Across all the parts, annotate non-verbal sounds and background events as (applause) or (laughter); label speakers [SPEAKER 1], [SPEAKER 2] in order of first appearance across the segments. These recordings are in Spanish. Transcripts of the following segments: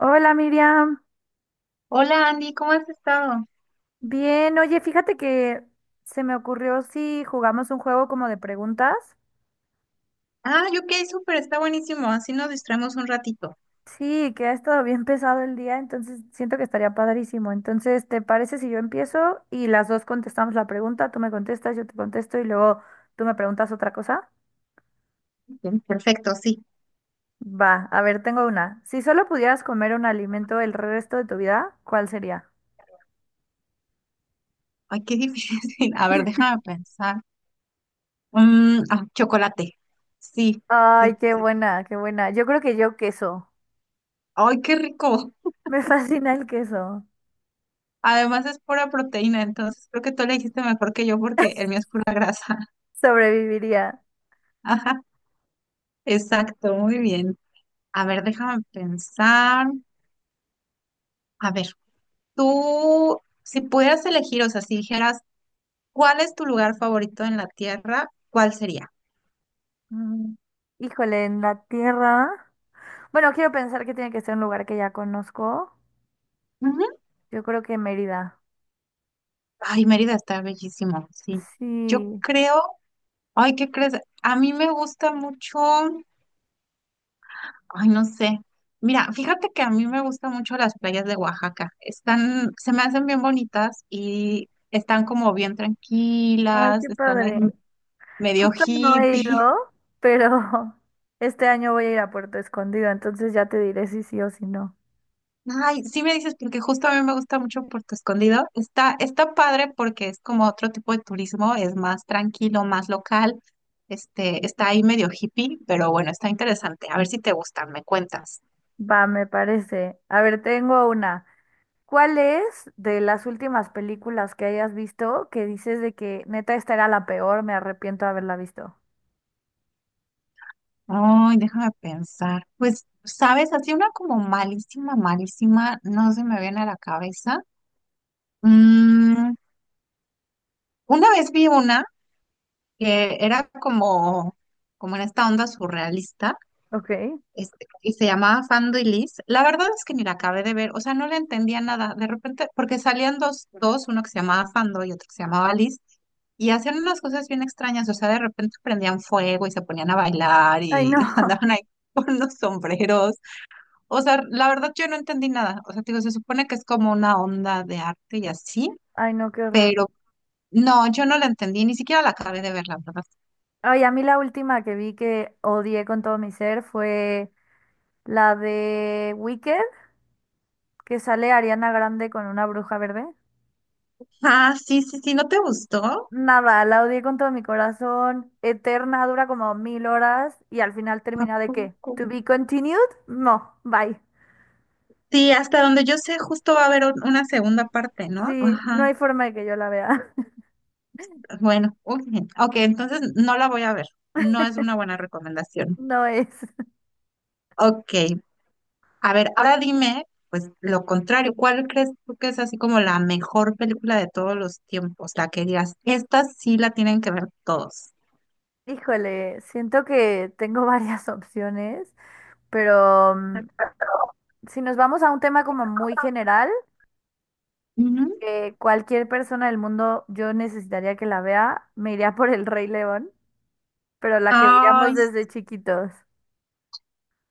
[SPEAKER 1] Hola Miriam,
[SPEAKER 2] Hola Andy, ¿cómo has estado?
[SPEAKER 1] bien, oye, fíjate que se me ocurrió si jugamos un juego como de preguntas.
[SPEAKER 2] Ah, yo ok, súper, está buenísimo. Así nos distraemos un ratito.
[SPEAKER 1] Sí, que ha estado bien (laughs) pesado el día, entonces siento que estaría padrísimo. Entonces, ¿te parece si yo empiezo y las dos contestamos la pregunta? Tú me contestas, yo te contesto y luego tú me preguntas otra cosa.
[SPEAKER 2] Bien, perfecto, sí.
[SPEAKER 1] Va, a ver, tengo una. Si solo pudieras comer un alimento el resto de tu vida, ¿cuál sería?
[SPEAKER 2] Ay, qué difícil. (laughs) A ver, déjame pensar. Ah, chocolate. Sí, sí,
[SPEAKER 1] Ay, qué
[SPEAKER 2] sí.
[SPEAKER 1] buena, qué buena. Yo creo que yo queso.
[SPEAKER 2] Ay, qué rico.
[SPEAKER 1] (laughs) Me fascina el queso.
[SPEAKER 2] Además es pura proteína, entonces creo que tú le dijiste mejor que yo porque el mío es pura grasa. (laughs)
[SPEAKER 1] Sobreviviría.
[SPEAKER 2] Ajá, exacto, muy bien. A ver, déjame pensar. A ver, tú, si pudieras elegir, o sea, si dijeras, ¿cuál es tu lugar favorito en la Tierra? ¿Cuál sería?
[SPEAKER 1] Mm, Híjole, en la tierra. Bueno, quiero pensar que tiene que ser un lugar que ya conozco. Yo creo que Mérida.
[SPEAKER 2] Ay, Mérida está bellísimo, sí. Yo
[SPEAKER 1] Sí.
[SPEAKER 2] creo, ay, ¿qué crees? A mí me gusta mucho, ay, no sé. Mira, fíjate que a mí me gustan mucho las playas de Oaxaca. Están, se me hacen bien bonitas y están como bien
[SPEAKER 1] Ay,
[SPEAKER 2] tranquilas,
[SPEAKER 1] qué
[SPEAKER 2] están ahí
[SPEAKER 1] padre.
[SPEAKER 2] medio
[SPEAKER 1] Justo no he
[SPEAKER 2] hippie.
[SPEAKER 1] ido, pero (laughs) este año voy a ir a Puerto Escondido, entonces ya te diré si sí o si no.
[SPEAKER 2] Ay, sí me dices, porque justo a mí me gusta mucho Puerto Escondido. Está, está padre porque es como otro tipo de turismo, es más tranquilo, más local. Este, está ahí medio hippie, pero bueno, está interesante. A ver si te gustan, me cuentas.
[SPEAKER 1] Va, me parece. A ver, tengo una. ¿Cuál es de las últimas películas que hayas visto que dices de que neta esta era la peor, me arrepiento de haberla visto?
[SPEAKER 2] Ay, déjame pensar. Pues, sabes, así una como malísima, malísima, no se me viene a la cabeza. Mm, una vez vi una que era como, como en esta onda surrealista.
[SPEAKER 1] Ok.
[SPEAKER 2] Este, y se llamaba Fando y Liz. La verdad es que ni la acabé de ver, o sea, no le entendía nada. De repente, porque salían dos, dos, uno que se llamaba Fando y otro que se llamaba Liz, y hacían unas cosas bien extrañas, o sea, de repente prendían fuego y se ponían a bailar
[SPEAKER 1] Ay,
[SPEAKER 2] y (laughs)
[SPEAKER 1] no. (laughs)
[SPEAKER 2] andaban ahí con los sombreros. O sea, la verdad yo no entendí nada. O sea, te digo, se supone que es como una onda de arte y así,
[SPEAKER 1] Ay, no, qué horror.
[SPEAKER 2] pero no, yo no la entendí, ni siquiera la acabé de ver, la verdad.
[SPEAKER 1] Ay, a mí la última que vi que odié con todo mi ser fue la de Wicked, que sale Ariana Grande con una bruja verde.
[SPEAKER 2] Ah, sí, sí, sí, ¿no te gustó?
[SPEAKER 1] Nada, la odié con todo mi corazón. Eterna, dura como 1.000 horas y al final
[SPEAKER 2] ¿A
[SPEAKER 1] termina de qué?
[SPEAKER 2] poco?
[SPEAKER 1] ¿To be continued? No, bye.
[SPEAKER 2] Sí, hasta donde yo sé, justo va a haber una segunda parte, ¿no?
[SPEAKER 1] Sí, no
[SPEAKER 2] Ajá.
[SPEAKER 1] hay forma de que yo la vea. (laughs)
[SPEAKER 2] Bueno, ok, ok, entonces no la voy a ver. No es una buena recomendación.
[SPEAKER 1] No es.
[SPEAKER 2] Ok, a ver, ahora dime, pues lo contrario, ¿cuál crees tú que es así como la mejor película de todos los tiempos? La que digas, esta sí la tienen que ver todos.
[SPEAKER 1] Híjole, siento que tengo (laughs) varias opciones, pero si nos vamos a un tema como muy general.
[SPEAKER 2] Ujú.
[SPEAKER 1] Que cualquier persona del mundo yo necesitaría que la vea, me iría por El Rey León, pero la que veíamos
[SPEAKER 2] Ay,
[SPEAKER 1] desde chiquitos.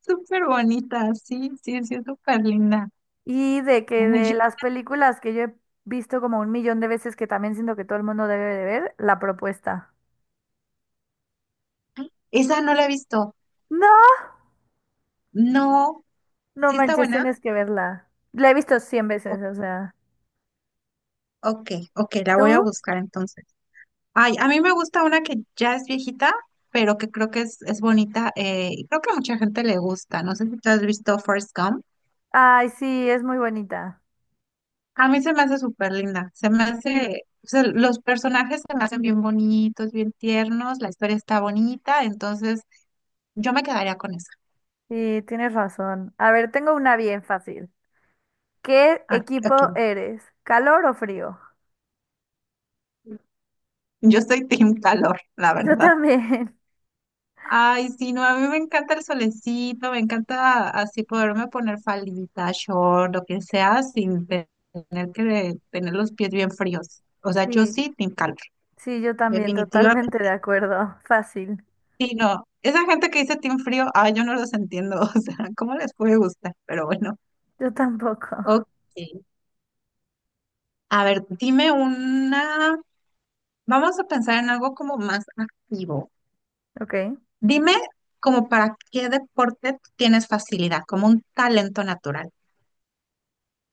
[SPEAKER 2] súper bonita, sí, sí, sí, es súper linda.
[SPEAKER 1] Y de que
[SPEAKER 2] Ay,
[SPEAKER 1] de las películas que yo he visto como 1 millón de veces, que también siento que todo el mundo debe de ver, La Propuesta.
[SPEAKER 2] esa no la he visto.
[SPEAKER 1] No,
[SPEAKER 2] No,
[SPEAKER 1] no
[SPEAKER 2] ¿sí está
[SPEAKER 1] manches,
[SPEAKER 2] buena?
[SPEAKER 1] tienes que verla. La he visto cien
[SPEAKER 2] O-
[SPEAKER 1] veces, o sea.
[SPEAKER 2] Ok, ok, la voy a
[SPEAKER 1] ¿Tú?
[SPEAKER 2] buscar entonces. Ay, a mí me gusta una que ya es viejita, pero que creo que es bonita. Y creo que a mucha gente le gusta. No sé si tú has visto First Gump.
[SPEAKER 1] Ay, sí, es muy bonita.
[SPEAKER 2] A mí se me hace súper linda. Se me hace, o sea, los personajes se me hacen bien bonitos, bien tiernos. La historia está bonita, entonces yo me quedaría con esa.
[SPEAKER 1] Sí, tienes razón. A ver, tengo una bien fácil. ¿Qué
[SPEAKER 2] Ah, ok.
[SPEAKER 1] equipo eres? ¿Calor o frío?
[SPEAKER 2] Yo soy Team Calor, la
[SPEAKER 1] Yo
[SPEAKER 2] verdad.
[SPEAKER 1] también,
[SPEAKER 2] Ay, sí, no, a mí me encanta el solecito, me encanta así poderme poner faldita, short, lo que sea, sin te- tener que tener los pies bien fríos. O
[SPEAKER 1] (laughs)
[SPEAKER 2] sea, yo
[SPEAKER 1] sí.
[SPEAKER 2] sí, team calor,
[SPEAKER 1] Sí, yo también,
[SPEAKER 2] definitivamente.
[SPEAKER 1] totalmente de acuerdo. Fácil.
[SPEAKER 2] Sí, no, esa gente que dice team frío, ay, yo no los entiendo, (laughs) o sea, ¿cómo les puede gustar? Pero bueno,
[SPEAKER 1] Yo tampoco.
[SPEAKER 2] ok.
[SPEAKER 1] (laughs)
[SPEAKER 2] A ver, dime una, vamos a pensar en algo como más activo.
[SPEAKER 1] Ok.
[SPEAKER 2] Dime como para qué deporte tienes facilidad, como un talento natural.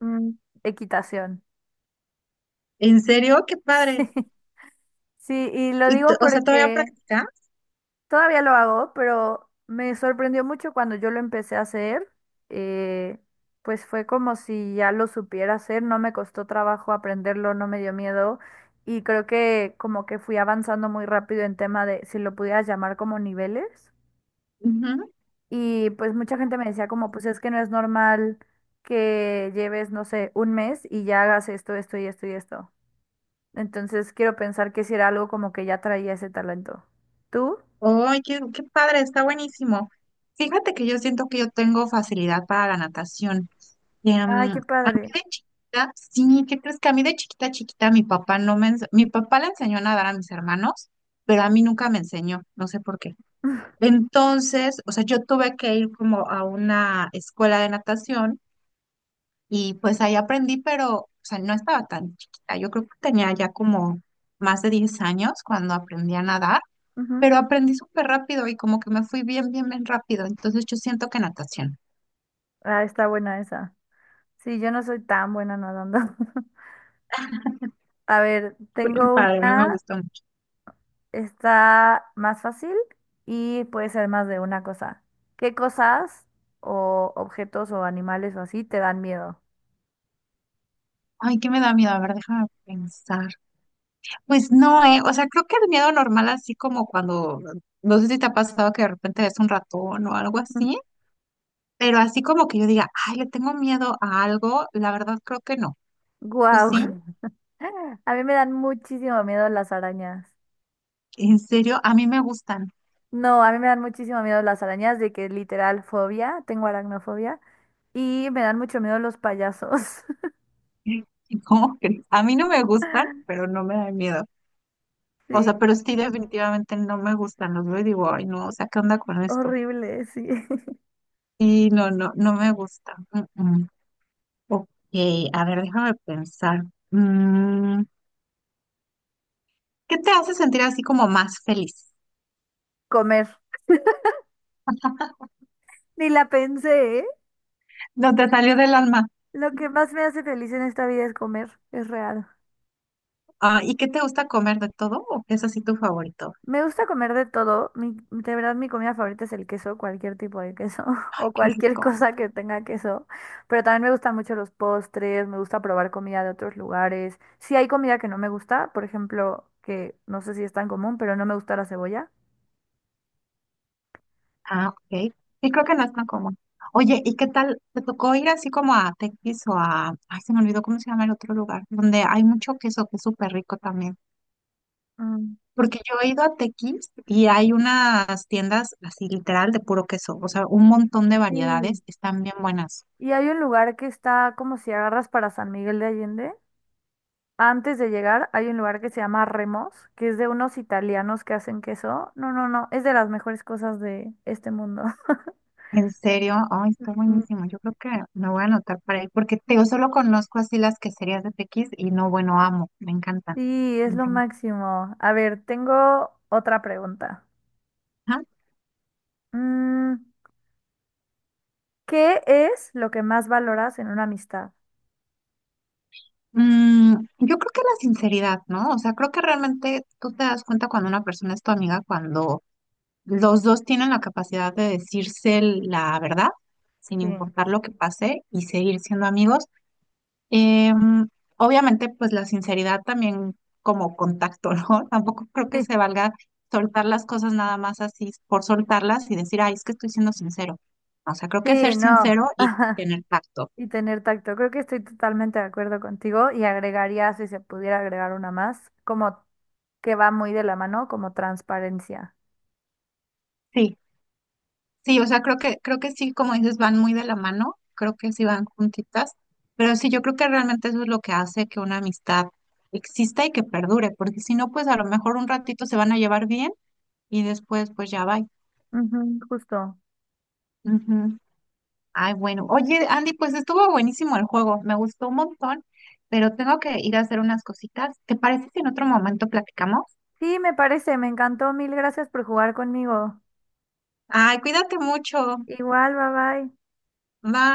[SPEAKER 1] Mm, equitación. (laughs)
[SPEAKER 2] ¿En serio? ¡Qué padre!
[SPEAKER 1] Sí. Sí, y lo
[SPEAKER 2] Y,
[SPEAKER 1] digo
[SPEAKER 2] o sea, ¿todavía
[SPEAKER 1] porque
[SPEAKER 2] practicas?
[SPEAKER 1] todavía lo hago, pero me sorprendió mucho cuando yo lo empecé a hacer. eh, pues fue como si ya lo supiera hacer, no me costó trabajo aprenderlo, no me dio miedo. Y creo que como que fui avanzando muy rápido en tema de si lo pudieras llamar como niveles.
[SPEAKER 2] Ujú.
[SPEAKER 1] Y pues mucha gente me decía como, pues es que no es normal que lleves, no sé, un mes y ya hagas esto, esto y esto y esto. Entonces quiero pensar que si era algo como que ya traía ese talento. ¿Tú?
[SPEAKER 2] ¡Ay, qué, qué padre! Está buenísimo. Fíjate que yo siento que yo tengo facilidad para la natación. Em,
[SPEAKER 1] Ay, qué padre.
[SPEAKER 2] de chiquita, sí, ¿qué crees que a mí de chiquita, chiquita, mi papá no me, ens- mi papá le enseñó a nadar a mis hermanos, pero a mí nunca me enseñó, no sé por qué.
[SPEAKER 1] (laughs)
[SPEAKER 2] Entonces, o sea, yo tuve que ir como a una escuela de natación. Y pues ahí aprendí, pero, o sea, no estaba tan chiquita. Yo creo que tenía ya como más de 10 años cuando aprendí a nadar,
[SPEAKER 1] Ujú.
[SPEAKER 2] pero aprendí súper rápido y como que me fui bien, bien, bien rápido. Entonces yo siento que natación.
[SPEAKER 1] Ah, está buena esa. Sí, yo no soy tan buena nadando. (laughs) A ver,
[SPEAKER 2] Fue bien
[SPEAKER 1] tengo
[SPEAKER 2] padre, a mí me
[SPEAKER 1] una,
[SPEAKER 2] gustó mucho.
[SPEAKER 1] está más fácil y puede ser más de una cosa. ¿Qué cosas o objetos o animales o así te dan miedo?
[SPEAKER 2] Ay, ¿qué me da miedo? A ver, déjame pensar. Pues no, O sea, creo que el miedo normal, así como cuando, no sé si te ha pasado que de repente ves un ratón o algo así, pero así como que yo diga, ay, le tengo miedo a algo, la verdad creo que no. ¿Tú
[SPEAKER 1] Wow.
[SPEAKER 2] sí?
[SPEAKER 1] (laughs) A mí me dan muchísimo miedo las arañas.
[SPEAKER 2] En serio, a mí me gustan.
[SPEAKER 1] No, a mí me dan muchísimo miedo las arañas, de que literal fobia, tengo aracnofobia. Y me dan mucho miedo los payasos. (laughs)
[SPEAKER 2] (laughs) ¿Cómo crees? A mí no me gustan, pero no me dan miedo. O
[SPEAKER 1] Sí,
[SPEAKER 2] sea, pero sí definitivamente no me gustan. Los veo y digo, ay, no, o sea, ¿qué onda con esto?
[SPEAKER 1] horrible, sí. (laughs)
[SPEAKER 2] Sí, no, no, no me gusta. Mm, mm. Ok, a ver, déjame pensar. Mm, ¿Qué te hace sentir así como más feliz?
[SPEAKER 1] Comer. Ni la pensé, ¿eh?
[SPEAKER 2] No te salió del alma.
[SPEAKER 1] Lo que más me hace feliz en esta vida es comer, es real.
[SPEAKER 2] Ah, ¿y qué te gusta comer de todo? ¿O qué es así tu favorito?
[SPEAKER 1] Me gusta comer de todo. Mi, de verdad, mi comida favorita es el queso, cualquier tipo de queso (laughs)
[SPEAKER 2] Ay,
[SPEAKER 1] o
[SPEAKER 2] qué
[SPEAKER 1] cualquier
[SPEAKER 2] rico.
[SPEAKER 1] cosa que tenga queso. Pero también me gustan mucho los postres, me gusta probar comida de otros lugares. Si hay comida que no me gusta, por ejemplo, que no sé si es tan común, pero no me gusta la cebolla.
[SPEAKER 2] Ah, ok. Sí, creo que no es tan común. Oye, ¿y qué tal? ¿Te tocó ir así como a Tequis o a... Ay, se me olvidó cómo se llama el otro lugar, donde hay mucho queso que es súper rico también.
[SPEAKER 1] Mm,
[SPEAKER 2] Porque yo he ido a Tequis y hay unas tiendas así literal de puro queso, o sea, un montón de
[SPEAKER 1] sí.
[SPEAKER 2] variedades, están bien buenas.
[SPEAKER 1] Y hay un lugar que está como si agarras para San Miguel de Allende. Antes de llegar hay un lugar que se llama Remos, que es de unos italianos que hacen queso. No, no, no, es de las mejores cosas de este mundo. (laughs)
[SPEAKER 2] En serio, ay, está buenísimo. Yo creo que me voy a anotar para ir, porque te digo, solo conozco así las queserías de Tequis y no, bueno, amo, me encantan.
[SPEAKER 1] Sí, es
[SPEAKER 2] Me
[SPEAKER 1] lo
[SPEAKER 2] encantan.
[SPEAKER 1] máximo. A ver, tengo otra pregunta. Mm, ¿Qué es lo que más valoras en una amistad?
[SPEAKER 2] Yo creo que la sinceridad, ¿no? O sea, creo que realmente tú te das cuenta cuando una persona es tu amiga, cuando los dos tienen la capacidad de decirse la verdad, sin
[SPEAKER 1] Sí,
[SPEAKER 2] importar lo que pase, y seguir siendo amigos. Em, obviamente, pues la sinceridad también como contacto, ¿no? (laughs) Tampoco creo que
[SPEAKER 1] (laughs) sí,
[SPEAKER 2] se valga soltar las cosas nada más así por soltarlas y decir, ay, es que estoy siendo sincero. O sea, creo que ser
[SPEAKER 1] sí, no.
[SPEAKER 2] sincero
[SPEAKER 1] (laughs)
[SPEAKER 2] y tener tacto.
[SPEAKER 1] Y tener tacto. Creo que estoy totalmente de acuerdo contigo y agregaría, si se pudiera agregar una más, como que va muy de la mano, como transparencia.
[SPEAKER 2] Sí, sí, o sea, creo que sí, como dices, van muy de la mano, creo que sí van juntitas, pero sí, yo creo que realmente eso es lo que hace que una amistad exista y que perdure, porque si no, pues a lo mejor un ratito se van a llevar bien y después pues ya va.
[SPEAKER 1] Ujú, justo.
[SPEAKER 2] Ay, bueno. Oye, Andy, pues estuvo buenísimo el juego, me gustó un montón, pero tengo que ir a hacer unas cositas. ¿Te parece si en otro momento platicamos?
[SPEAKER 1] Sí, me parece, me encantó. Mil gracias por jugar conmigo.
[SPEAKER 2] Ay, cuídate mucho.
[SPEAKER 1] Igual, bye bye.
[SPEAKER 2] Bye.